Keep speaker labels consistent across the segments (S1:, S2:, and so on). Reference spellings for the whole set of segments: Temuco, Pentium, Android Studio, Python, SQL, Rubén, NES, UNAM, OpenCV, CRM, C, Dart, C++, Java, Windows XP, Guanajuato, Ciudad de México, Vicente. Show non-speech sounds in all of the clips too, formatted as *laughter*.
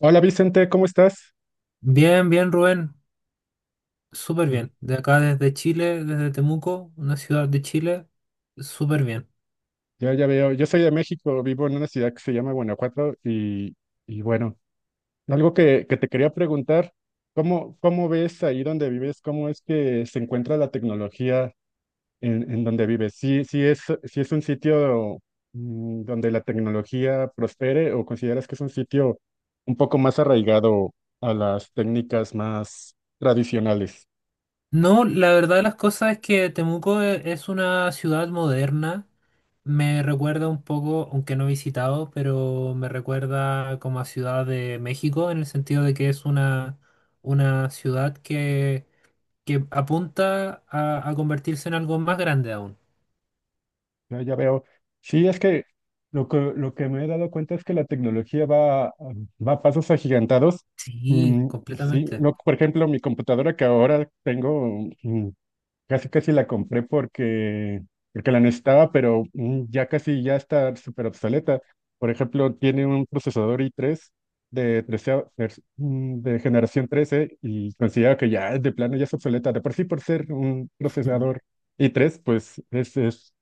S1: Hola Vicente, ¿cómo estás?
S2: Bien, bien, Rubén, súper bien. De acá desde Chile, desde Temuco, una ciudad de Chile, súper bien.
S1: Yo ya veo, yo soy de México, vivo en una ciudad que se llama Guanajuato y bueno, algo que te quería preguntar. Cómo ves ahí donde vives? ¿Cómo es que se encuentra la tecnología en donde vives? ¿Sí, sí es un sitio donde la tecnología prospere o consideras que es un sitio un poco más arraigado a las técnicas más tradicionales?
S2: No, la verdad de las cosas es que Temuco es una ciudad moderna. Me recuerda un poco, aunque no he visitado, pero me recuerda como a Ciudad de México, en el sentido de que es una ciudad que apunta a convertirse en algo más grande aún.
S1: No, ya veo. Sí, es que lo que me he dado cuenta es que la tecnología va a pasos agigantados.
S2: Sí,
S1: Mm, sí,
S2: completamente.
S1: no, por ejemplo, mi computadora que ahora tengo, casi casi la compré porque la necesitaba, pero ya casi ya está súper obsoleta. Por ejemplo, tiene un procesador i3 de, de generación 13 y considero que ya de plano ya es obsoleta. De por sí, por ser un
S2: Mm,
S1: procesador i3, pues es, es,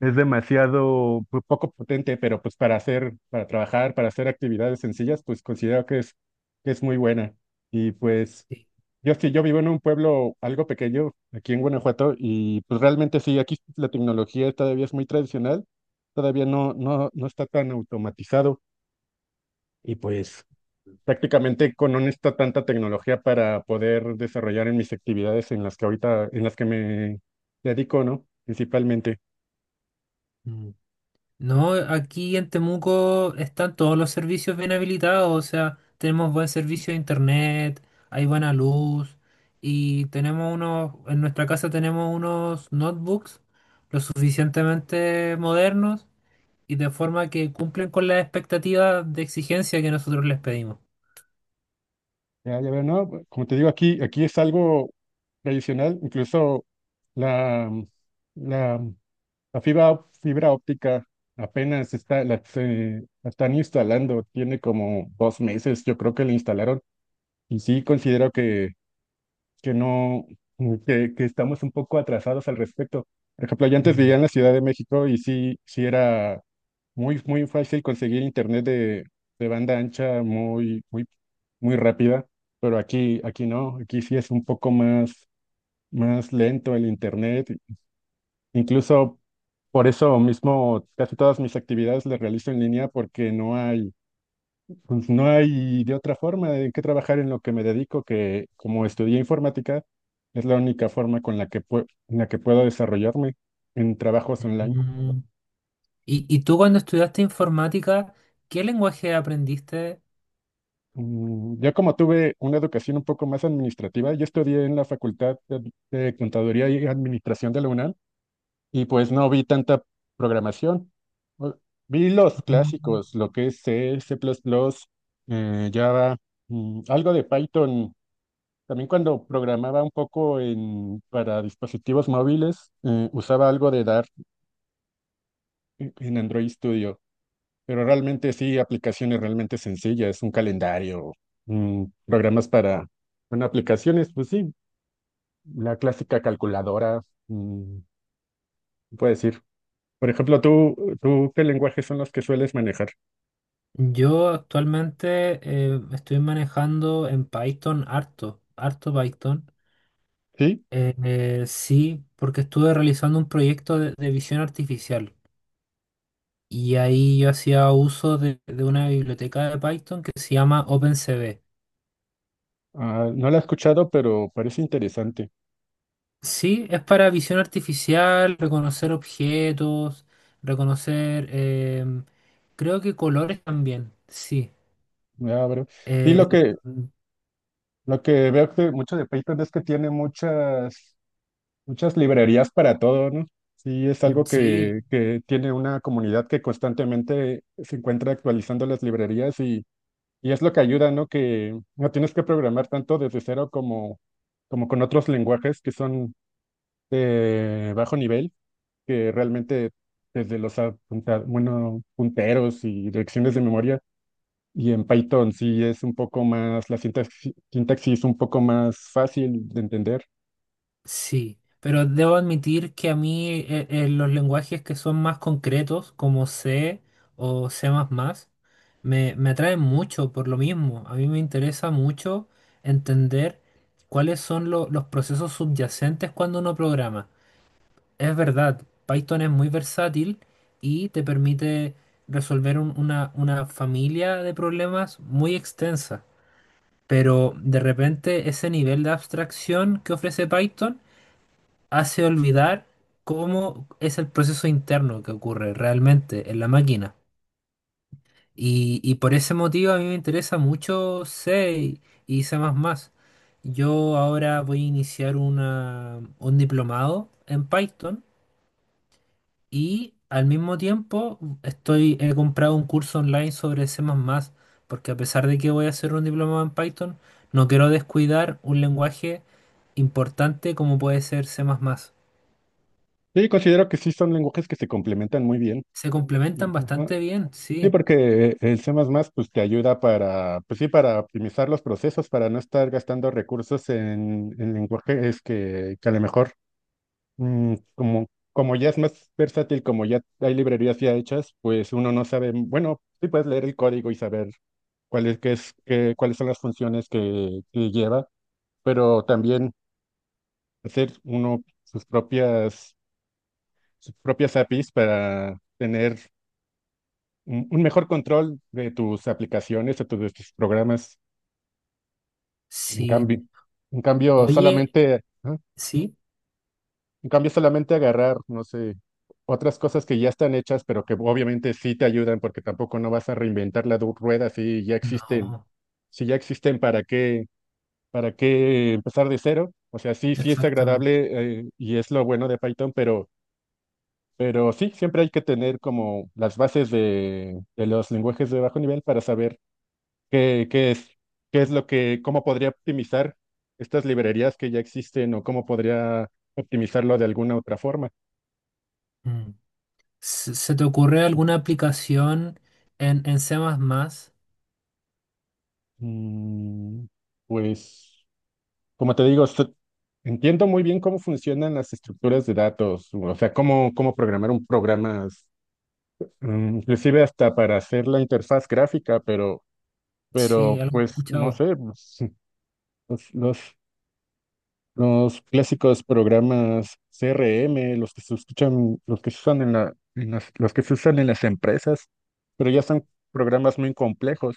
S1: es demasiado poco potente, pero pues para hacer, para trabajar, para hacer actividades sencillas, pues considero que es muy buena. Y pues. Yo sí, yo vivo en un pueblo algo pequeño aquí en Guanajuato y pues realmente sí, aquí la tecnología todavía es muy tradicional, todavía no, no, no está tan automatizado y pues prácticamente con no está tanta tecnología para poder desarrollar en mis actividades en las que ahorita, en las que me dedico, ¿no? Principalmente.
S2: sí. No, aquí en Temuco están todos los servicios bien habilitados, o sea, tenemos buen servicio de internet, hay buena luz y tenemos unos, en nuestra casa tenemos unos notebooks lo suficientemente modernos y de forma que cumplen con las expectativas de exigencia que nosotros les pedimos.
S1: Ya, ya veo, no, pues, como te digo, aquí es algo tradicional, incluso la, la La fibra, fibra óptica apenas está, la están instalando, tiene como 2 meses, yo creo que la instalaron, y sí considero que no, que estamos un poco atrasados al respecto. Por ejemplo, yo antes
S2: Mm.
S1: vivía en la Ciudad de México y sí, sí era muy, muy fácil conseguir internet de banda ancha muy, muy, muy rápida, pero aquí no, aquí sí es un poco más lento el internet. Incluso por eso mismo, casi todas mis actividades las realizo en línea porque no hay, pues, no hay de otra forma de que trabajar en lo que me dedico, que como estudié informática, es la única forma con la en la que puedo desarrollarme en trabajos online.
S2: Mm. ¿Y tú cuando estudiaste informática, ¿qué lenguaje aprendiste?
S1: Yo como tuve una educación un poco más administrativa, yo estudié en la Facultad de Contaduría y Administración de la UNAM. Y pues no vi tanta programación. O- Vi los
S2: Mm.
S1: clásicos, lo que es C, C++, Java, algo de Python. También cuando programaba un poco para dispositivos móviles, usaba algo de Dart en Android Studio. Pero realmente sí, aplicaciones realmente sencillas, un calendario, programas para, bueno, aplicaciones, pues sí, la clásica calculadora, puede decir. Por ejemplo, ¿tú qué lenguajes son los que sueles manejar?
S2: Yo actualmente estoy manejando en Python harto, harto Python.
S1: Sí,
S2: Sí, porque estuve realizando un proyecto de visión artificial y ahí yo hacía uso de una biblioteca de Python que se llama OpenCV.
S1: ah, no lo he escuchado, pero parece interesante.
S2: Sí, es para visión artificial, reconocer objetos, reconocer, creo que colores también, sí.
S1: Ya. Sí, lo
S2: Eh,
S1: que,
S2: mm,
S1: lo que veo que mucho de Python es que tiene muchas, muchas librerías para todo, ¿no? Sí, es algo
S2: sí,
S1: que tiene una comunidad que constantemente se encuentra actualizando las librerías y es lo que ayuda, ¿no? Que no tienes que programar tanto desde cero como con otros lenguajes que son de bajo nivel que realmente desde los punteros y direcciones de memoria. Y en Python sí es un poco más, la sintaxis es un poco más fácil de entender.
S2: sí, pero debo admitir que a mí los lenguajes que son más concretos, como C o C++, me atraen mucho por lo mismo. A mí me interesa mucho entender cuáles son los procesos subyacentes cuando uno programa. Es verdad, Python es muy versátil y te permite resolver una familia de problemas muy extensa, pero de repente ese nivel de abstracción que ofrece Python hace olvidar cómo es el proceso interno que ocurre realmente en la máquina. Y por ese motivo a mí me interesa mucho C y C++. Yo ahora voy a iniciar una, un diplomado en Python y al mismo tiempo estoy, he comprado un curso online sobre C++, porque a pesar de que voy a hacer un diplomado en Python, no quiero descuidar un lenguaje importante como puede ser C++.
S1: Sí, considero que sí son lenguajes que se complementan muy bien.
S2: Se
S1: Y,
S2: complementan
S1: ajá.
S2: bastante bien,
S1: Sí,
S2: sí,
S1: porque el C++ pues te ayuda para, pues sí, para optimizar los procesos, para no estar gastando recursos en lenguajes que a lo mejor Mm, como, como ya es más versátil, como ya hay librerías ya hechas, pues uno no sabe, bueno, sí puedes leer el código y saber cuál es, qué es, cuáles son las funciones que lleva, pero también hacer uno sus propias APIs para tener un mejor control de tus aplicaciones, de tus programas. En
S2: sí.
S1: cambio, en cambio,
S2: Oye,
S1: solamente
S2: sí,
S1: En cambio, solamente agarrar, no sé, otras cosas que ya están hechas, pero que obviamente sí te ayudan, porque tampoco no vas a reinventar la rueda si ya existen.
S2: no,
S1: Si ya existen, ¿para qué empezar de cero? O sea, sí, sí es
S2: exactamente.
S1: agradable, y es lo bueno de Python, pero sí, siempre hay que tener como las bases de los lenguajes de bajo nivel para saber qué, qué es lo que, cómo podría optimizar estas librerías que ya existen o cómo podría optimizarlo de alguna otra forma.
S2: Mm. ¿Se, se te ocurre alguna aplicación en C++?
S1: Mm, Pues, como te digo, entiendo muy bien cómo funcionan las estructuras de datos, o sea, cómo programar un programa, inclusive hasta para hacer la interfaz gráfica, pero,
S2: Sí,
S1: pero
S2: algo he
S1: pues, no
S2: escuchado.
S1: sé, pues, *laughs* los, los Los clásicos programas CRM, los que se escuchan, los que se usan en la, en las, los que se usan en las empresas, pero ya son programas muy complejos.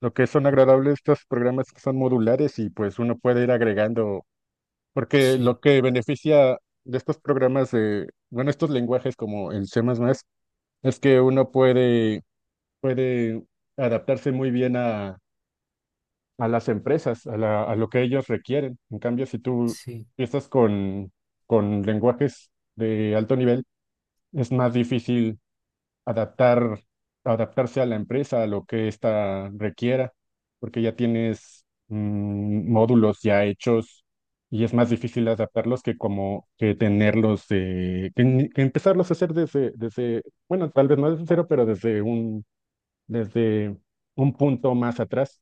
S1: Lo que son agradables estos programas que son modulares y pues uno puede ir agregando, porque
S2: Sí,
S1: lo que beneficia de estos programas de, bueno, estos lenguajes como el C++ es que uno puede adaptarse muy bien a las empresas, a lo que ellos requieren. En cambio, si tú
S2: sí,
S1: empiezas con lenguajes de alto nivel, es más difícil adaptar, adaptarse a la empresa, a lo que ésta requiera, porque ya tienes módulos ya hechos y es más difícil adaptarlos que como que tenerlos, que, que empezarlos a hacer bueno, tal vez no desde cero, pero desde un punto más atrás.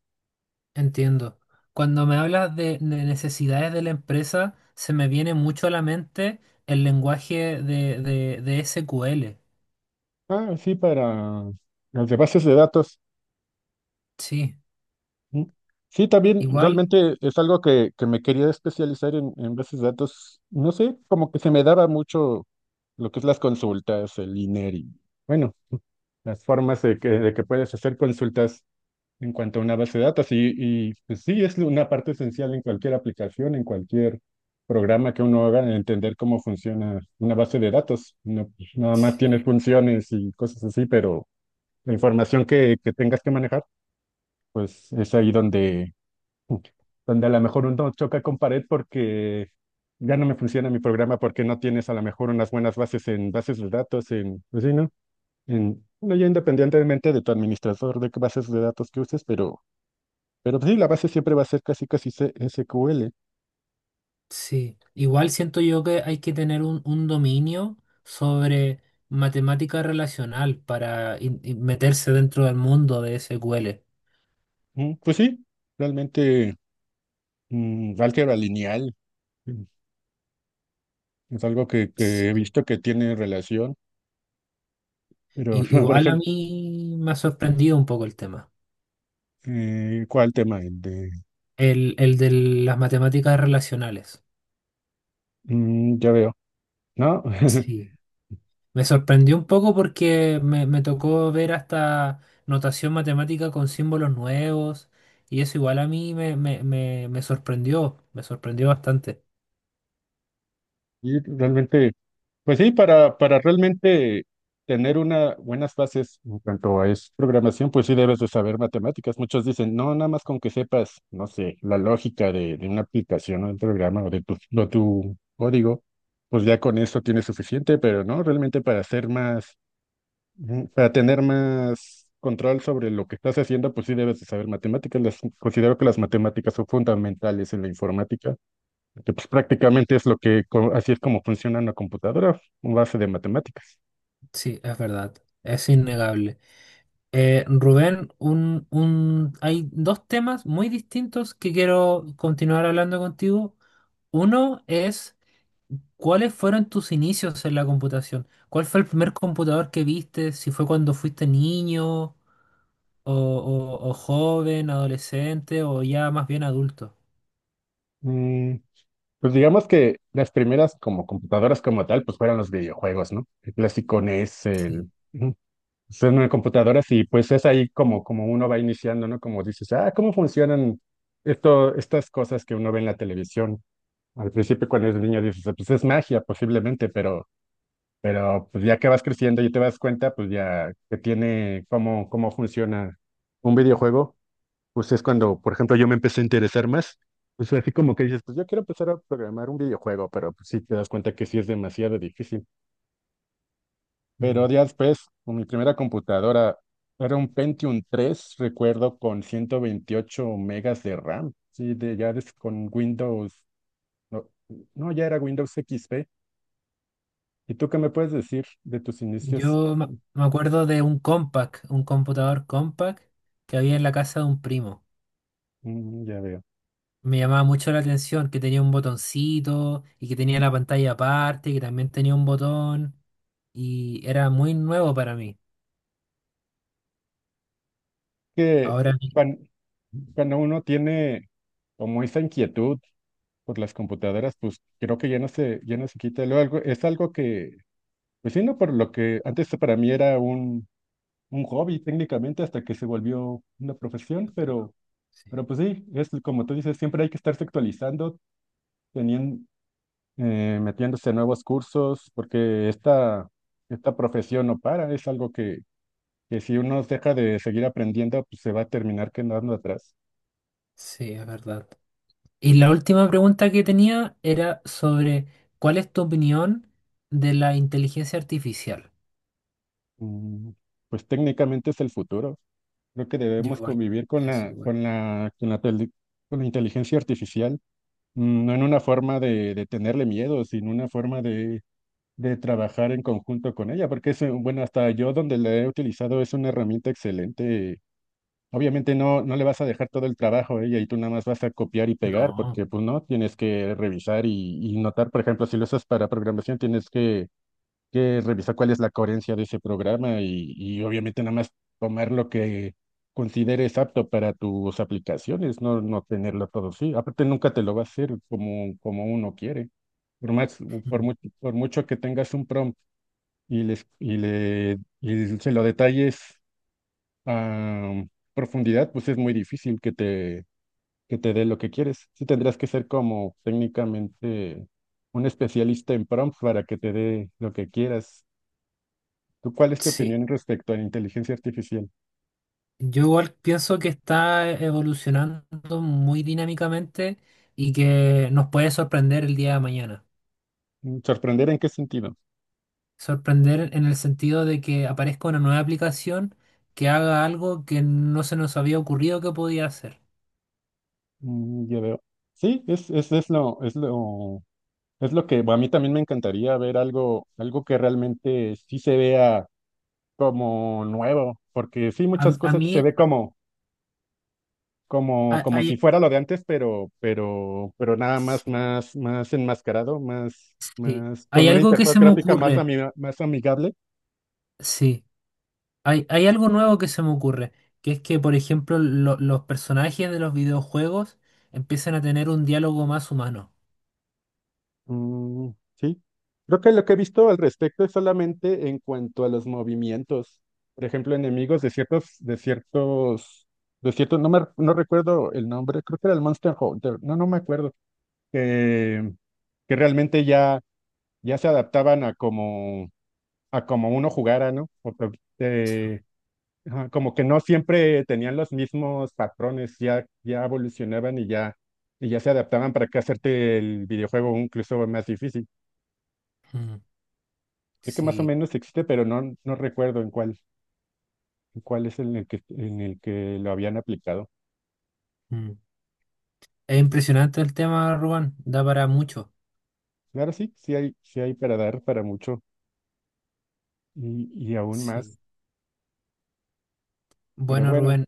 S2: entiendo. Cuando me hablas de necesidades de la empresa, se me viene mucho a la mente el lenguaje de SQL.
S1: Ah, sí, para las de bases de datos.
S2: Sí,
S1: Mm. Sí, también
S2: igual,
S1: realmente es algo que me quería especializar en bases de datos. No sé, como que se me daba mucho lo que es las consultas, el INER y, bueno, las formas de que puedes hacer consultas en cuanto a una base de datos. Y pues sí, es una parte esencial en cualquier aplicación, en cualquier programa que uno haga, en entender cómo funciona una base de datos. No, nada más tiene
S2: sí.
S1: funciones y cosas así, pero la información que tengas que manejar, pues es ahí donde a lo mejor uno choca con pared porque ya no me funciona mi programa porque no tienes a lo mejor unas buenas bases en bases de datos, en, pues sí, ¿no? En, bueno, ya independientemente de tu administrador, de qué bases de datos que uses, pero pues sí, la base siempre va a ser casi casi SQL.
S2: Sí, igual siento yo que hay que tener un dominio sobre matemática relacional para meterse dentro del mundo de SQL.
S1: Pues sí, realmente álgebra lineal mm, es algo que he
S2: Sí.
S1: visto que tiene relación, pero, *laughs* por
S2: Igual a
S1: ejemplo,
S2: mí me ha sorprendido un poco el tema,
S1: ¿cuál tema? El de.
S2: el de las matemáticas relacionales.
S1: Ya veo, ¿no? *laughs*
S2: Sí, me sorprendió un poco porque me tocó ver hasta notación matemática con símbolos nuevos y eso igual a mí me, me, me, me sorprendió bastante.
S1: Y realmente, pues sí, para realmente tener una buenas bases en cuanto a es programación, pues sí debes de saber matemáticas. Muchos dicen, no, nada más con que sepas, no sé, la lógica de una aplicación o de un programa o de tu, o tu código, pues ya con eso tienes suficiente, pero no, realmente para hacer más, para tener más control sobre lo que estás haciendo, pues sí debes de saber matemáticas. Las, considero que las matemáticas son fundamentales en la informática que pues prácticamente es lo que, así es como funciona una computadora, una base de matemáticas.
S2: Sí, es verdad, es innegable. Rubén, un, hay dos temas muy distintos que quiero continuar hablando contigo. Uno es, ¿cuáles fueron tus inicios en la computación? ¿Cuál fue el primer computador que viste? Si fue cuando fuiste niño o, o joven, adolescente o ya más bien adulto.
S1: Mm, pues digamos que las primeras como computadoras como tal, pues fueron los videojuegos, ¿no? El clásico NES,
S2: Sí.
S1: ujú, son una computadoras y pues es ahí como uno va iniciando, ¿no? Como dices, ah, ¿cómo funcionan estas cosas que uno ve en la televisión? Al principio cuando eres niño dices, Ah, pues es magia posiblemente, pero pues ya que vas creciendo y te das cuenta, pues ya que tiene cómo, funciona un videojuego pues es cuando, por ejemplo, yo me empecé a interesar más. Pues así como que dices, pues yo quiero empezar a programar un videojuego, pero pues sí te das cuenta que sí es demasiado difícil.
S2: Mm.
S1: Pero días después, con mi primera computadora era un Pentium 3 recuerdo, con 128 megas de RAM. Sí, de, ya con Windows, no, no, ya era Windows XP. ¿Y tú qué me puedes decir de tus inicios?
S2: Yo me acuerdo de un compact, un computador compact que había en la casa de un primo.
S1: Ya veo.
S2: Me llamaba mucho la atención que tenía un botoncito y que tenía la pantalla aparte, que también tenía un botón y era muy nuevo para mí.
S1: Que
S2: Ahora mi-
S1: cuan- cuando uno tiene como esa inquietud, por las computadoras, pues creo que ya no se quita. Luego algo, es algo que, pues sí, no, por lo que antes para mí era un hobby técnicamente hasta que se volvió una profesión, pero,
S2: sí,
S1: pero pues sí, es como tú dices, siempre hay que estarse actualizando, teniendo, metiéndose a nuevos cursos, porque esta profesión no para, es algo que si uno deja de seguir aprendiendo, pues se va a terminar quedando atrás.
S2: sí, es verdad. Y la última pregunta que tenía era sobre ¿cuál es tu opinión de la inteligencia artificial?
S1: Mm, Pues técnicamente es el futuro. Creo que
S2: Yo
S1: debemos
S2: igual
S1: convivir
S2: pienso igual.
S1: con la inteligencia artificial, no en una forma de tenerle miedo, sino una forma de trabajar en conjunto con ella, porque es, bueno, hasta yo donde la he utilizado es una herramienta excelente. Obviamente no, no le vas a dejar todo el trabajo a ella y tú nada más vas a copiar y pegar,
S2: No.
S1: porque pues no, tienes que revisar y notar, por ejemplo, si lo usas para programación, tienes que revisar cuál es la coherencia de ese programa y obviamente nada más tomar lo que consideres apto para tus aplicaciones, no, no tenerlo todo sí. Aparte nunca te lo va a hacer como uno quiere. Por más,
S2: Mm,
S1: por mucho que tengas un prompt y les y le y se lo detalles a profundidad, pues es muy difícil que te dé lo que quieres. Sí tendrás que ser como técnicamente un especialista en prompt para que te dé lo que quieras. ¿Tú cuál es tu
S2: sí.
S1: opinión respecto a la inteligencia artificial?
S2: Yo igual pienso que está evolucionando muy dinámicamente y que nos puede sorprender el día de mañana.
S1: ¿Sorprender en qué sentido?
S2: Sorprender en el sentido de que aparezca una nueva aplicación que haga algo que no se nos había ocurrido que podía hacer.
S1: Ya veo. Sí, es lo, es lo, es lo que a mí también me encantaría ver algo que realmente sí se vea como nuevo, porque sí, muchas
S2: A
S1: cosas
S2: mí
S1: se ve como, como,
S2: a-
S1: como
S2: hay,
S1: si fuera lo de antes, pero nada más,
S2: sí,
S1: más, más enmascarado, más,
S2: sí.
S1: más, con
S2: Hay
S1: una
S2: algo que
S1: interfaz
S2: se me
S1: gráfica más,
S2: ocurre,
S1: más amigable.
S2: sí, hay algo nuevo que se me ocurre, que es que, por ejemplo, los personajes de los videojuegos empiezan a tener un diálogo más humano.
S1: Mm, sí, creo que lo que he visto al respecto es solamente en cuanto a los movimientos. Por ejemplo, enemigos de ciertos, no recuerdo el nombre, creo que era el Monster Hunter, no, no me acuerdo, que, que realmente ya, ya se adaptaban a como uno jugara, ¿no? Porque,
S2: Sí,
S1: eh, ajá, como que no siempre tenían los mismos patrones, ya, ya evolucionaban y ya se adaptaban para que hacerte el videojuego incluso más difícil.
S2: mm,
S1: Sé que más o
S2: sí,
S1: menos existe, pero no, no recuerdo en cuál es en el que lo habían aplicado.
S2: mm. Es impresionante el tema, Rubén, da para mucho.
S1: Claro, sí, sí hay para dar para mucho y aún
S2: Sí.
S1: más. Pero
S2: Bueno,
S1: bueno,
S2: Rubén.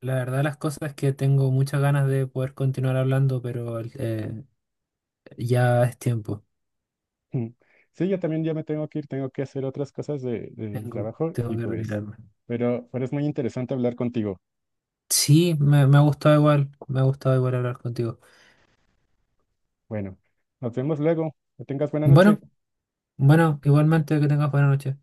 S2: La verdad, las cosas es que tengo muchas ganas de poder continuar hablando, pero ya es tiempo.
S1: mm, sí, yo también ya me tengo que ir, tengo que hacer otras cosas del
S2: Tengo,
S1: trabajo
S2: tengo
S1: y
S2: que
S1: pues,
S2: retirarme.
S1: pero es muy interesante hablar contigo.
S2: Sí, me ha gustado igual, me ha gustado igual hablar contigo.
S1: Bueno, nos vemos luego. Que tengas buena noche.
S2: Bueno, bueno, igualmente que tengas buena noche.